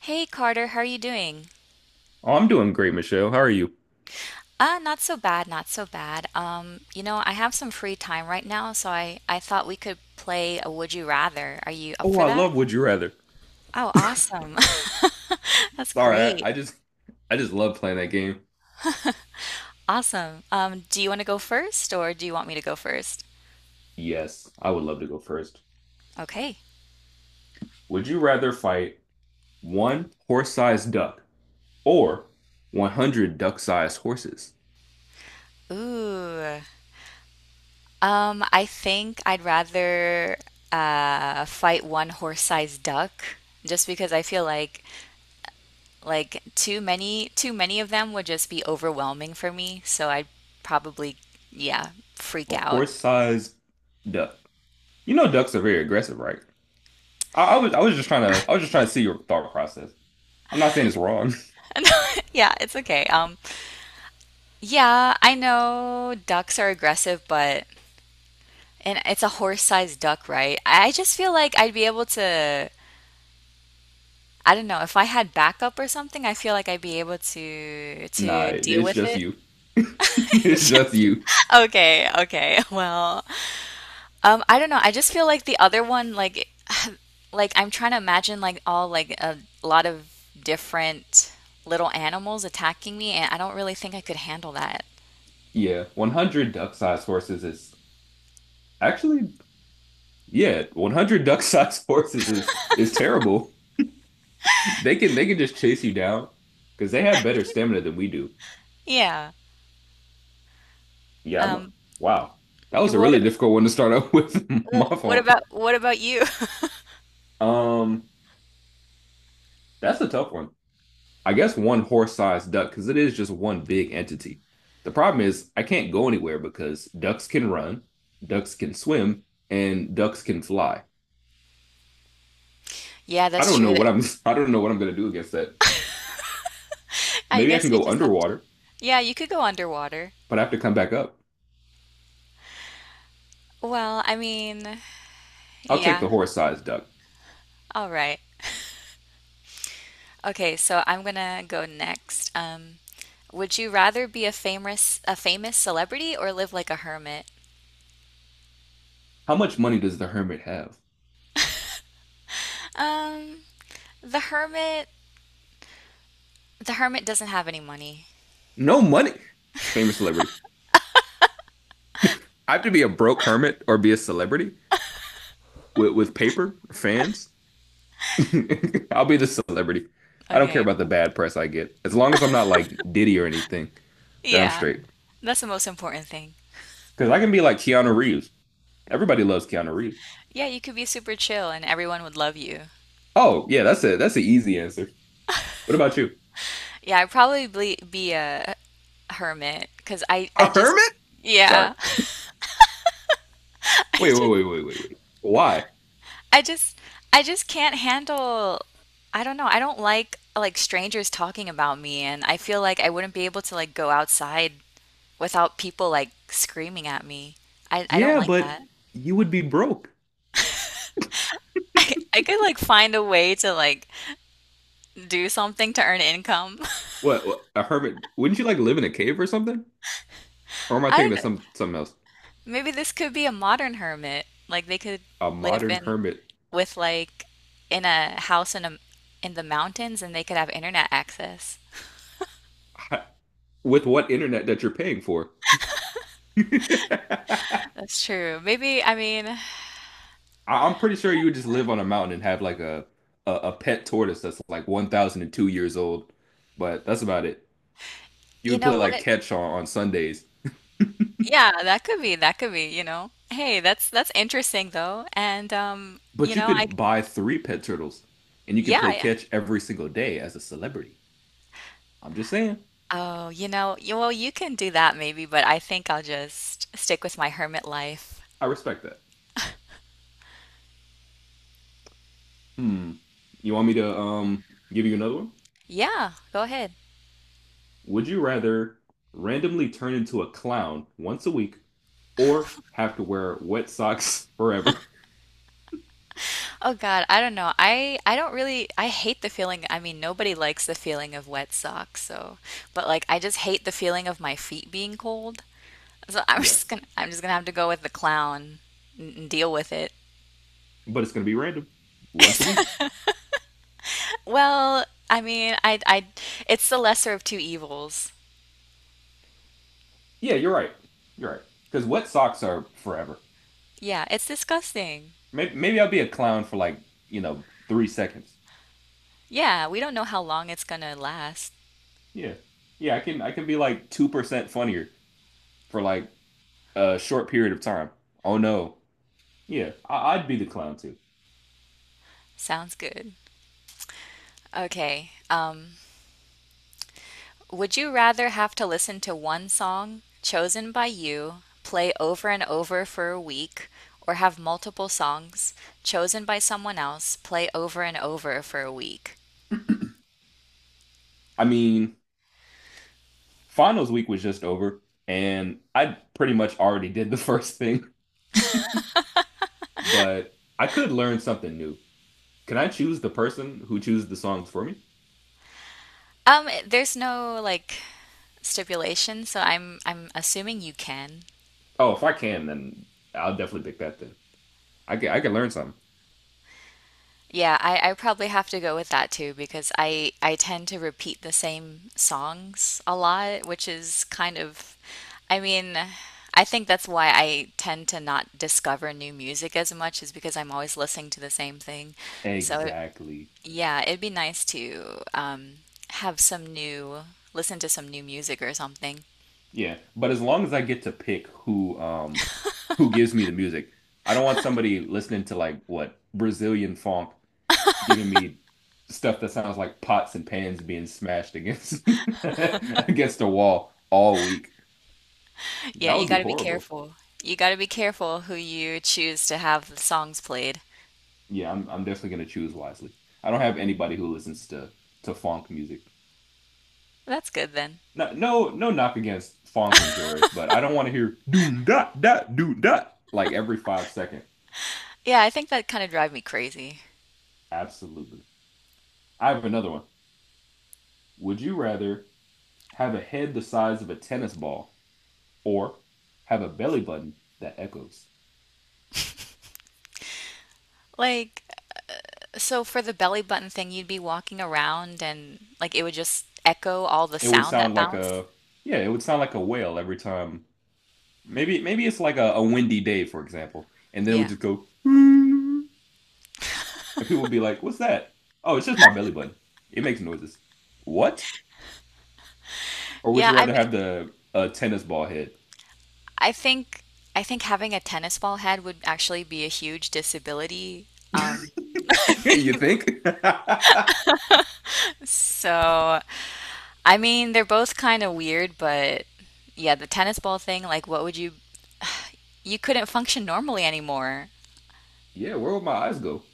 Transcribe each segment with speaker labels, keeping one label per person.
Speaker 1: Hey Carter, how are you doing?
Speaker 2: Oh, I'm doing great, Michelle. How are you?
Speaker 1: Not so bad, not so bad. I have some free time right now, so I thought we could play a Would You Rather. Are you up
Speaker 2: Oh,
Speaker 1: for
Speaker 2: I
Speaker 1: that?
Speaker 2: love Would You Rather.
Speaker 1: Oh, awesome. That's
Speaker 2: Sorry, I,
Speaker 1: great.
Speaker 2: I just I just love playing that game.
Speaker 1: Awesome. Do you want to go first or do you want me to go first?
Speaker 2: Yes, I would love to go first.
Speaker 1: Okay.
Speaker 2: Would you rather fight one horse-sized duck or 100 duck-sized horses?
Speaker 1: Ooh. I think I'd rather fight one horse-sized duck just because I feel like too many of them would just be overwhelming for me, so I'd probably, yeah, freak
Speaker 2: A
Speaker 1: out.
Speaker 2: horse-sized duck. You know ducks are very aggressive, right? I was just trying to I was just trying to see your thought process. I'm not saying it's wrong.
Speaker 1: Yeah, it's okay. Yeah, I know ducks are aggressive, but and it's a horse-sized duck, right? I just feel like I'd be able to, I don't know, if I had backup or something, I feel like I'd be able to
Speaker 2: Nah,
Speaker 1: to
Speaker 2: it,
Speaker 1: deal
Speaker 2: it's
Speaker 1: with
Speaker 2: just
Speaker 1: it.
Speaker 2: you. It's just you.
Speaker 1: Okay, okay. Well, I don't know. I just feel like the other one, like I'm trying to imagine like all like a lot of different little animals attacking me, and I don't really think I could handle that.
Speaker 2: Yeah, 100 duck-sized horses is actually Yeah, 100 duck-sized horses is terrible. They can just chase you down because they have better stamina than we do.
Speaker 1: Yeah.
Speaker 2: Yeah, I'm,
Speaker 1: Um,
Speaker 2: wow. That
Speaker 1: and
Speaker 2: was a
Speaker 1: what
Speaker 2: really difficult one to start up with.
Speaker 1: well,
Speaker 2: My fault.
Speaker 1: what about you?
Speaker 2: Um, that's a tough one. I guess one horse-sized duck because it is just one big entity. The problem is I can't go anywhere because ducks can run, ducks can swim, and ducks can fly.
Speaker 1: Yeah,
Speaker 2: I
Speaker 1: that's
Speaker 2: don't
Speaker 1: true.
Speaker 2: know what
Speaker 1: That
Speaker 2: I'm I don't know what I'm gonna do against that.
Speaker 1: I
Speaker 2: Maybe I
Speaker 1: guess
Speaker 2: can
Speaker 1: you
Speaker 2: go
Speaker 1: just have to.
Speaker 2: underwater,
Speaker 1: Yeah, you could go underwater.
Speaker 2: but I have to come back up.
Speaker 1: Well, I mean,
Speaker 2: I'll take
Speaker 1: yeah,
Speaker 2: the horse-sized duck.
Speaker 1: all right. Okay, so I'm gonna go next. Would you rather be a famous celebrity or live like a hermit?
Speaker 2: How much money does the hermit have?
Speaker 1: Um, the hermit the hermit doesn't have any money.
Speaker 2: No money. Famous celebrity. I have to be a broke hermit or be a celebrity with paper fans. I'll be the celebrity. I don't care
Speaker 1: Okay.
Speaker 2: about the bad press I get. As long as I'm not like Diddy or anything, then I'm
Speaker 1: Yeah,
Speaker 2: straight.
Speaker 1: that's the most important thing.
Speaker 2: Because I can be like Keanu Reeves. Everybody loves Keanu Reeves.
Speaker 1: Yeah, you could be super chill and everyone would love you.
Speaker 2: Oh, yeah, that's it. That's an easy answer. What about you?
Speaker 1: Yeah, I'd probably be a hermit because
Speaker 2: A
Speaker 1: I just,
Speaker 2: hermit? Sorry.
Speaker 1: yeah, I
Speaker 2: Wait, wait,
Speaker 1: just,
Speaker 2: wait, wait, wait, wait. Why?
Speaker 1: I just, I just can't handle, I don't know, I don't like strangers talking about me and I feel like I wouldn't be able to like go outside without people like screaming at me. I don't
Speaker 2: Yeah,
Speaker 1: like
Speaker 2: but
Speaker 1: that.
Speaker 2: you would be broke.
Speaker 1: I could like find a way to like do something to earn income.
Speaker 2: What, a hermit? Wouldn't you like live in a cave or something? Or am I
Speaker 1: I
Speaker 2: thinking
Speaker 1: don't
Speaker 2: of
Speaker 1: know.
Speaker 2: something else?
Speaker 1: Maybe this could be a modern hermit. Like they could
Speaker 2: A
Speaker 1: live
Speaker 2: modern
Speaker 1: in
Speaker 2: hermit
Speaker 1: with like in a house in a in the mountains and they could have internet access.
Speaker 2: with what internet that you're paying for? I-
Speaker 1: That's true. Maybe, I mean,
Speaker 2: I'm pretty sure you would just live on a mountain and have like a a pet tortoise that's like 1,002 years old, but that's about it. You
Speaker 1: you
Speaker 2: would
Speaker 1: know
Speaker 2: play like
Speaker 1: what?
Speaker 2: catch on Sundays,
Speaker 1: Yeah, that could be, you know. Hey, that's interesting though. And you
Speaker 2: but you
Speaker 1: know, I
Speaker 2: could buy three pet turtles and you could
Speaker 1: yeah,
Speaker 2: play
Speaker 1: yeah.
Speaker 2: catch every single day as a celebrity. I'm just saying,
Speaker 1: Oh, you know, you, well, you can do that maybe, but I think I'll just stick with my hermit life.
Speaker 2: I respect that. Hmm. You want me to give you another one?
Speaker 1: Yeah, go ahead.
Speaker 2: Would you rather randomly turn into a clown once a week or have to wear wet socks forever?
Speaker 1: Oh God, I don't know. I don't really I hate the feeling. I mean, nobody likes the feeling of wet socks, so but like I just hate the feeling of my feet being cold. So I'm just
Speaker 2: Yes.
Speaker 1: gonna I'm just gonna have to go with the clown and deal with it.
Speaker 2: But it's going to be random once a week.
Speaker 1: Well, I mean, I it's the lesser of two evils.
Speaker 2: Yeah, you're right. You're right. Because wet socks are forever.
Speaker 1: Yeah, it's disgusting.
Speaker 2: Maybe I'll be a clown for like, you know, 3 seconds.
Speaker 1: Yeah, we don't know how long it's gonna last.
Speaker 2: Yeah. Yeah, I can be like 2% funnier for like a short period of time. Oh no. Yeah, I'd be the clown too.
Speaker 1: Sounds good. Okay. Would you rather have to listen to one song chosen by you play over and over for a week, or have multiple songs chosen by someone else play over and over for a week?
Speaker 2: I mean, finals week was just over, and I pretty much already did the first thing. But I could learn something new. Can I choose the person who chooses the songs for me?
Speaker 1: There's no like stipulation, so I'm assuming you can.
Speaker 2: Oh, if I can, then I'll definitely pick that then. I can learn something.
Speaker 1: Yeah, I probably have to go with that too because I tend to repeat the same songs a lot, which is kind of, I mean, I think that's why I tend to not discover new music as much is because I'm always listening to the same thing. So
Speaker 2: Exactly.
Speaker 1: yeah, it'd be nice to have some new, listen to some new music or something.
Speaker 2: Yeah, but as long as I get to pick who gives me the music. I don't want somebody listening to like what Brazilian funk giving me stuff that sounds like pots and pans being smashed against against a wall all week.
Speaker 1: Yeah,
Speaker 2: That
Speaker 1: you
Speaker 2: would
Speaker 1: got
Speaker 2: be
Speaker 1: to be
Speaker 2: horrible.
Speaker 1: careful. You got to be careful who you choose to have the songs played.
Speaker 2: Yeah, I'm definitely gonna choose wisely. I don't have anybody who listens to funk music.
Speaker 1: That's good then.
Speaker 2: No, no, no knock against funk and Joris, but I don't want to hear doom dot dot doom dot like every 5 second.
Speaker 1: Yeah, I think that kind of drive me crazy.
Speaker 2: Absolutely. I have another one. Would you rather have a head the size of a tennis ball or have a belly button that echoes?
Speaker 1: Like, so for the belly button thing, you'd be walking around and like it would just echo all the
Speaker 2: It would
Speaker 1: sound that
Speaker 2: sound like
Speaker 1: bounced.
Speaker 2: a yeah, it would sound like a whale every time. Maybe it's like a windy day, for example, and then it would
Speaker 1: Yeah.
Speaker 2: just go. And people would be like, "What's that?" "Oh, it's just my belly button. It makes noises." "What?" Or would
Speaker 1: Yeah,
Speaker 2: you
Speaker 1: I
Speaker 2: rather
Speaker 1: mean,
Speaker 2: have the tennis ball head?
Speaker 1: I think I think having a tennis ball head would actually be a huge disability. Um,
Speaker 2: You think?
Speaker 1: so I mean, they're both kind of weird, but yeah, the tennis ball thing, like what would you you couldn't function normally anymore.
Speaker 2: Yeah, where would my eyes go?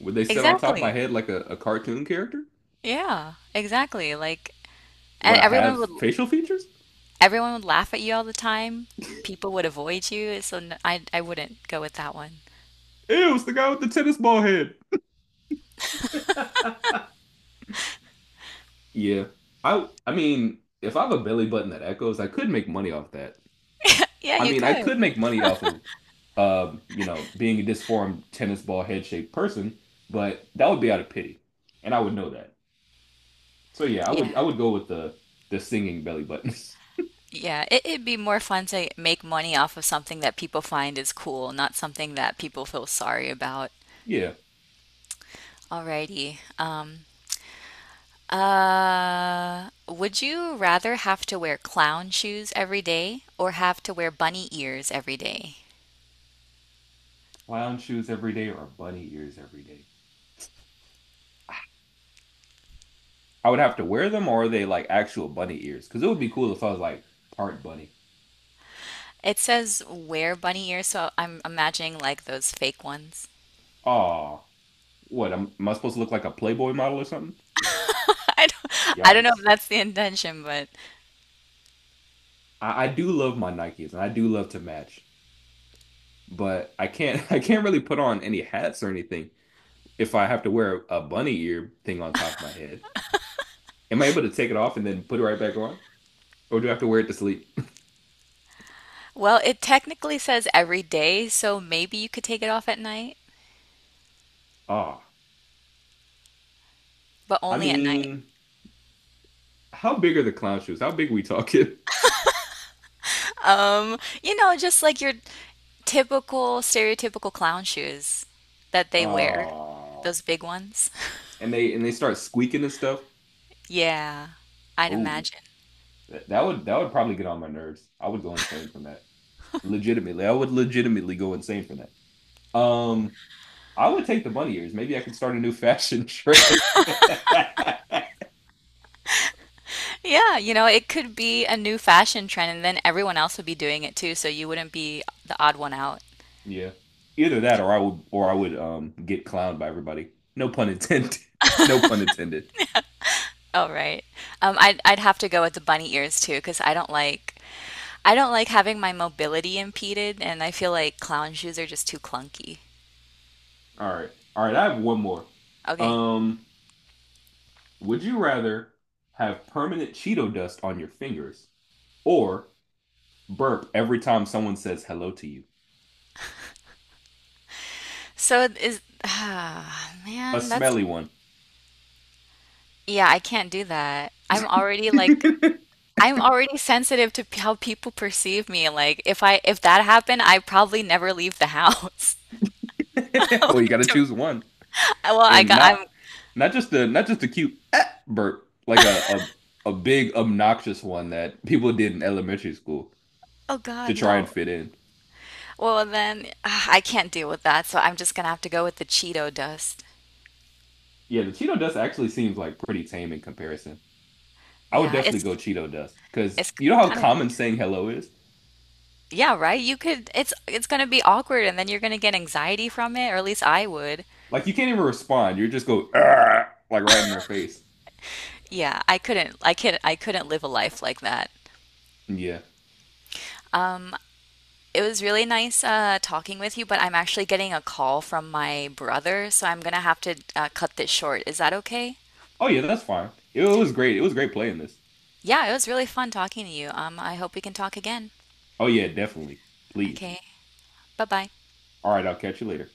Speaker 2: Would they sit on top of my
Speaker 1: Exactly.
Speaker 2: head like a cartoon character?
Speaker 1: Yeah, exactly. Like and
Speaker 2: Would I have facial features?
Speaker 1: everyone would laugh at you all the time. People would avoid you, so n I wouldn't go with that one.
Speaker 2: Ew, it's the guy with the tennis ball head. Yeah. I mean, if I have a belly button that echoes, I could make money off that.
Speaker 1: Yeah,
Speaker 2: I
Speaker 1: you
Speaker 2: mean, I
Speaker 1: could.
Speaker 2: could make money off of, you know, being a disformed tennis ball head shaped person, but that would be out of pity, and I would know that. So yeah, I
Speaker 1: Yeah,
Speaker 2: would I would go with the singing belly buttons.
Speaker 1: yeah. It'd be more fun to make money off of something that people find is cool, not something that people feel sorry about.
Speaker 2: Yeah,
Speaker 1: Alrighty. Would you rather have to wear clown shoes every day or have to wear bunny ears every day?
Speaker 2: clown shoes every day or bunny ears every day. I would have to wear them, or are they like actual bunny ears? Because it would be cool if I was like part bunny.
Speaker 1: It says wear bunny ears, so I'm imagining like those fake ones.
Speaker 2: Aw, what? Am I supposed to look like a Playboy model or something?
Speaker 1: I don't know if
Speaker 2: Yikes.
Speaker 1: that's the intention, but
Speaker 2: I do love my Nikes, and I do love to match. But I can't I can't really put on any hats or anything if I have to wear a bunny ear thing on top of my head. Am I able to take it off and then put it right back on? Or do I have to wear it to sleep?
Speaker 1: well, it technically says every day, so maybe you could take it off at night,
Speaker 2: Ah, oh,
Speaker 1: but
Speaker 2: I
Speaker 1: only at night.
Speaker 2: mean, how big are the clown shoes? How big are we talking?
Speaker 1: You know, just like your typical, stereotypical clown shoes that they wear,
Speaker 2: Ah,
Speaker 1: those big ones.
Speaker 2: and they start squeaking and stuff.
Speaker 1: Yeah, I'd
Speaker 2: Oh,
Speaker 1: imagine.
Speaker 2: that would probably get on my nerves. I would go insane from that. Legitimately, I would legitimately go insane from that. I would take the bunny ears. Maybe I could start a new fashion trend.
Speaker 1: Yeah, you know, it could be a new fashion trend, and then everyone else would be doing it too, so you wouldn't be the odd one out.
Speaker 2: Yeah. Either that or I would get clowned by everybody. No pun intended. No pun intended.
Speaker 1: Oh, right. I'd have to go with the bunny ears too, because I don't like having my mobility impeded, and I feel like clown shoes are just too clunky.
Speaker 2: All right. All right, I have one more.
Speaker 1: Okay.
Speaker 2: Um, would you rather have permanent Cheeto dust on your fingers or burp every time someone says hello to you?
Speaker 1: So it is ah,
Speaker 2: A
Speaker 1: man, that's
Speaker 2: smelly one.
Speaker 1: yeah, I can't do that. I'm already like I'm already sensitive to p- how people perceive me. Like if I if that happened, I probably never leave the house.
Speaker 2: Well, you
Speaker 1: Like,
Speaker 2: gotta
Speaker 1: to-
Speaker 2: choose one.
Speaker 1: well, I
Speaker 2: And
Speaker 1: got I'm
Speaker 2: not just a cute "Ah," burp, like a big obnoxious one that people did in elementary school
Speaker 1: oh
Speaker 2: to
Speaker 1: God,
Speaker 2: try
Speaker 1: no.
Speaker 2: and fit in.
Speaker 1: Well, then ah, I can't deal with that, so I'm just gonna have to go with the Cheeto dust.
Speaker 2: Yeah, the Cheeto dust actually seems like pretty tame in comparison. I would
Speaker 1: Yeah,
Speaker 2: definitely go Cheeto dust because
Speaker 1: it's
Speaker 2: you know how
Speaker 1: kind of
Speaker 2: common saying hello is?
Speaker 1: yeah, right? You could it's gonna be awkward and then you're gonna get anxiety from it, or at least I would.
Speaker 2: Like you can't even respond. You just go "Argh," like right in their face.
Speaker 1: Yeah, I couldn't I could I couldn't live a life like that.
Speaker 2: Yeah.
Speaker 1: Um, it was really nice talking with you, but I'm actually getting a call from my brother, so I'm gonna have to cut this short. Is that okay?
Speaker 2: Oh yeah, that's fine. It was great. It was great playing this.
Speaker 1: Yeah, it was really fun talking to you. I hope we can talk again.
Speaker 2: Oh yeah, definitely. Please.
Speaker 1: Okay, bye bye.
Speaker 2: All right, I'll catch you later.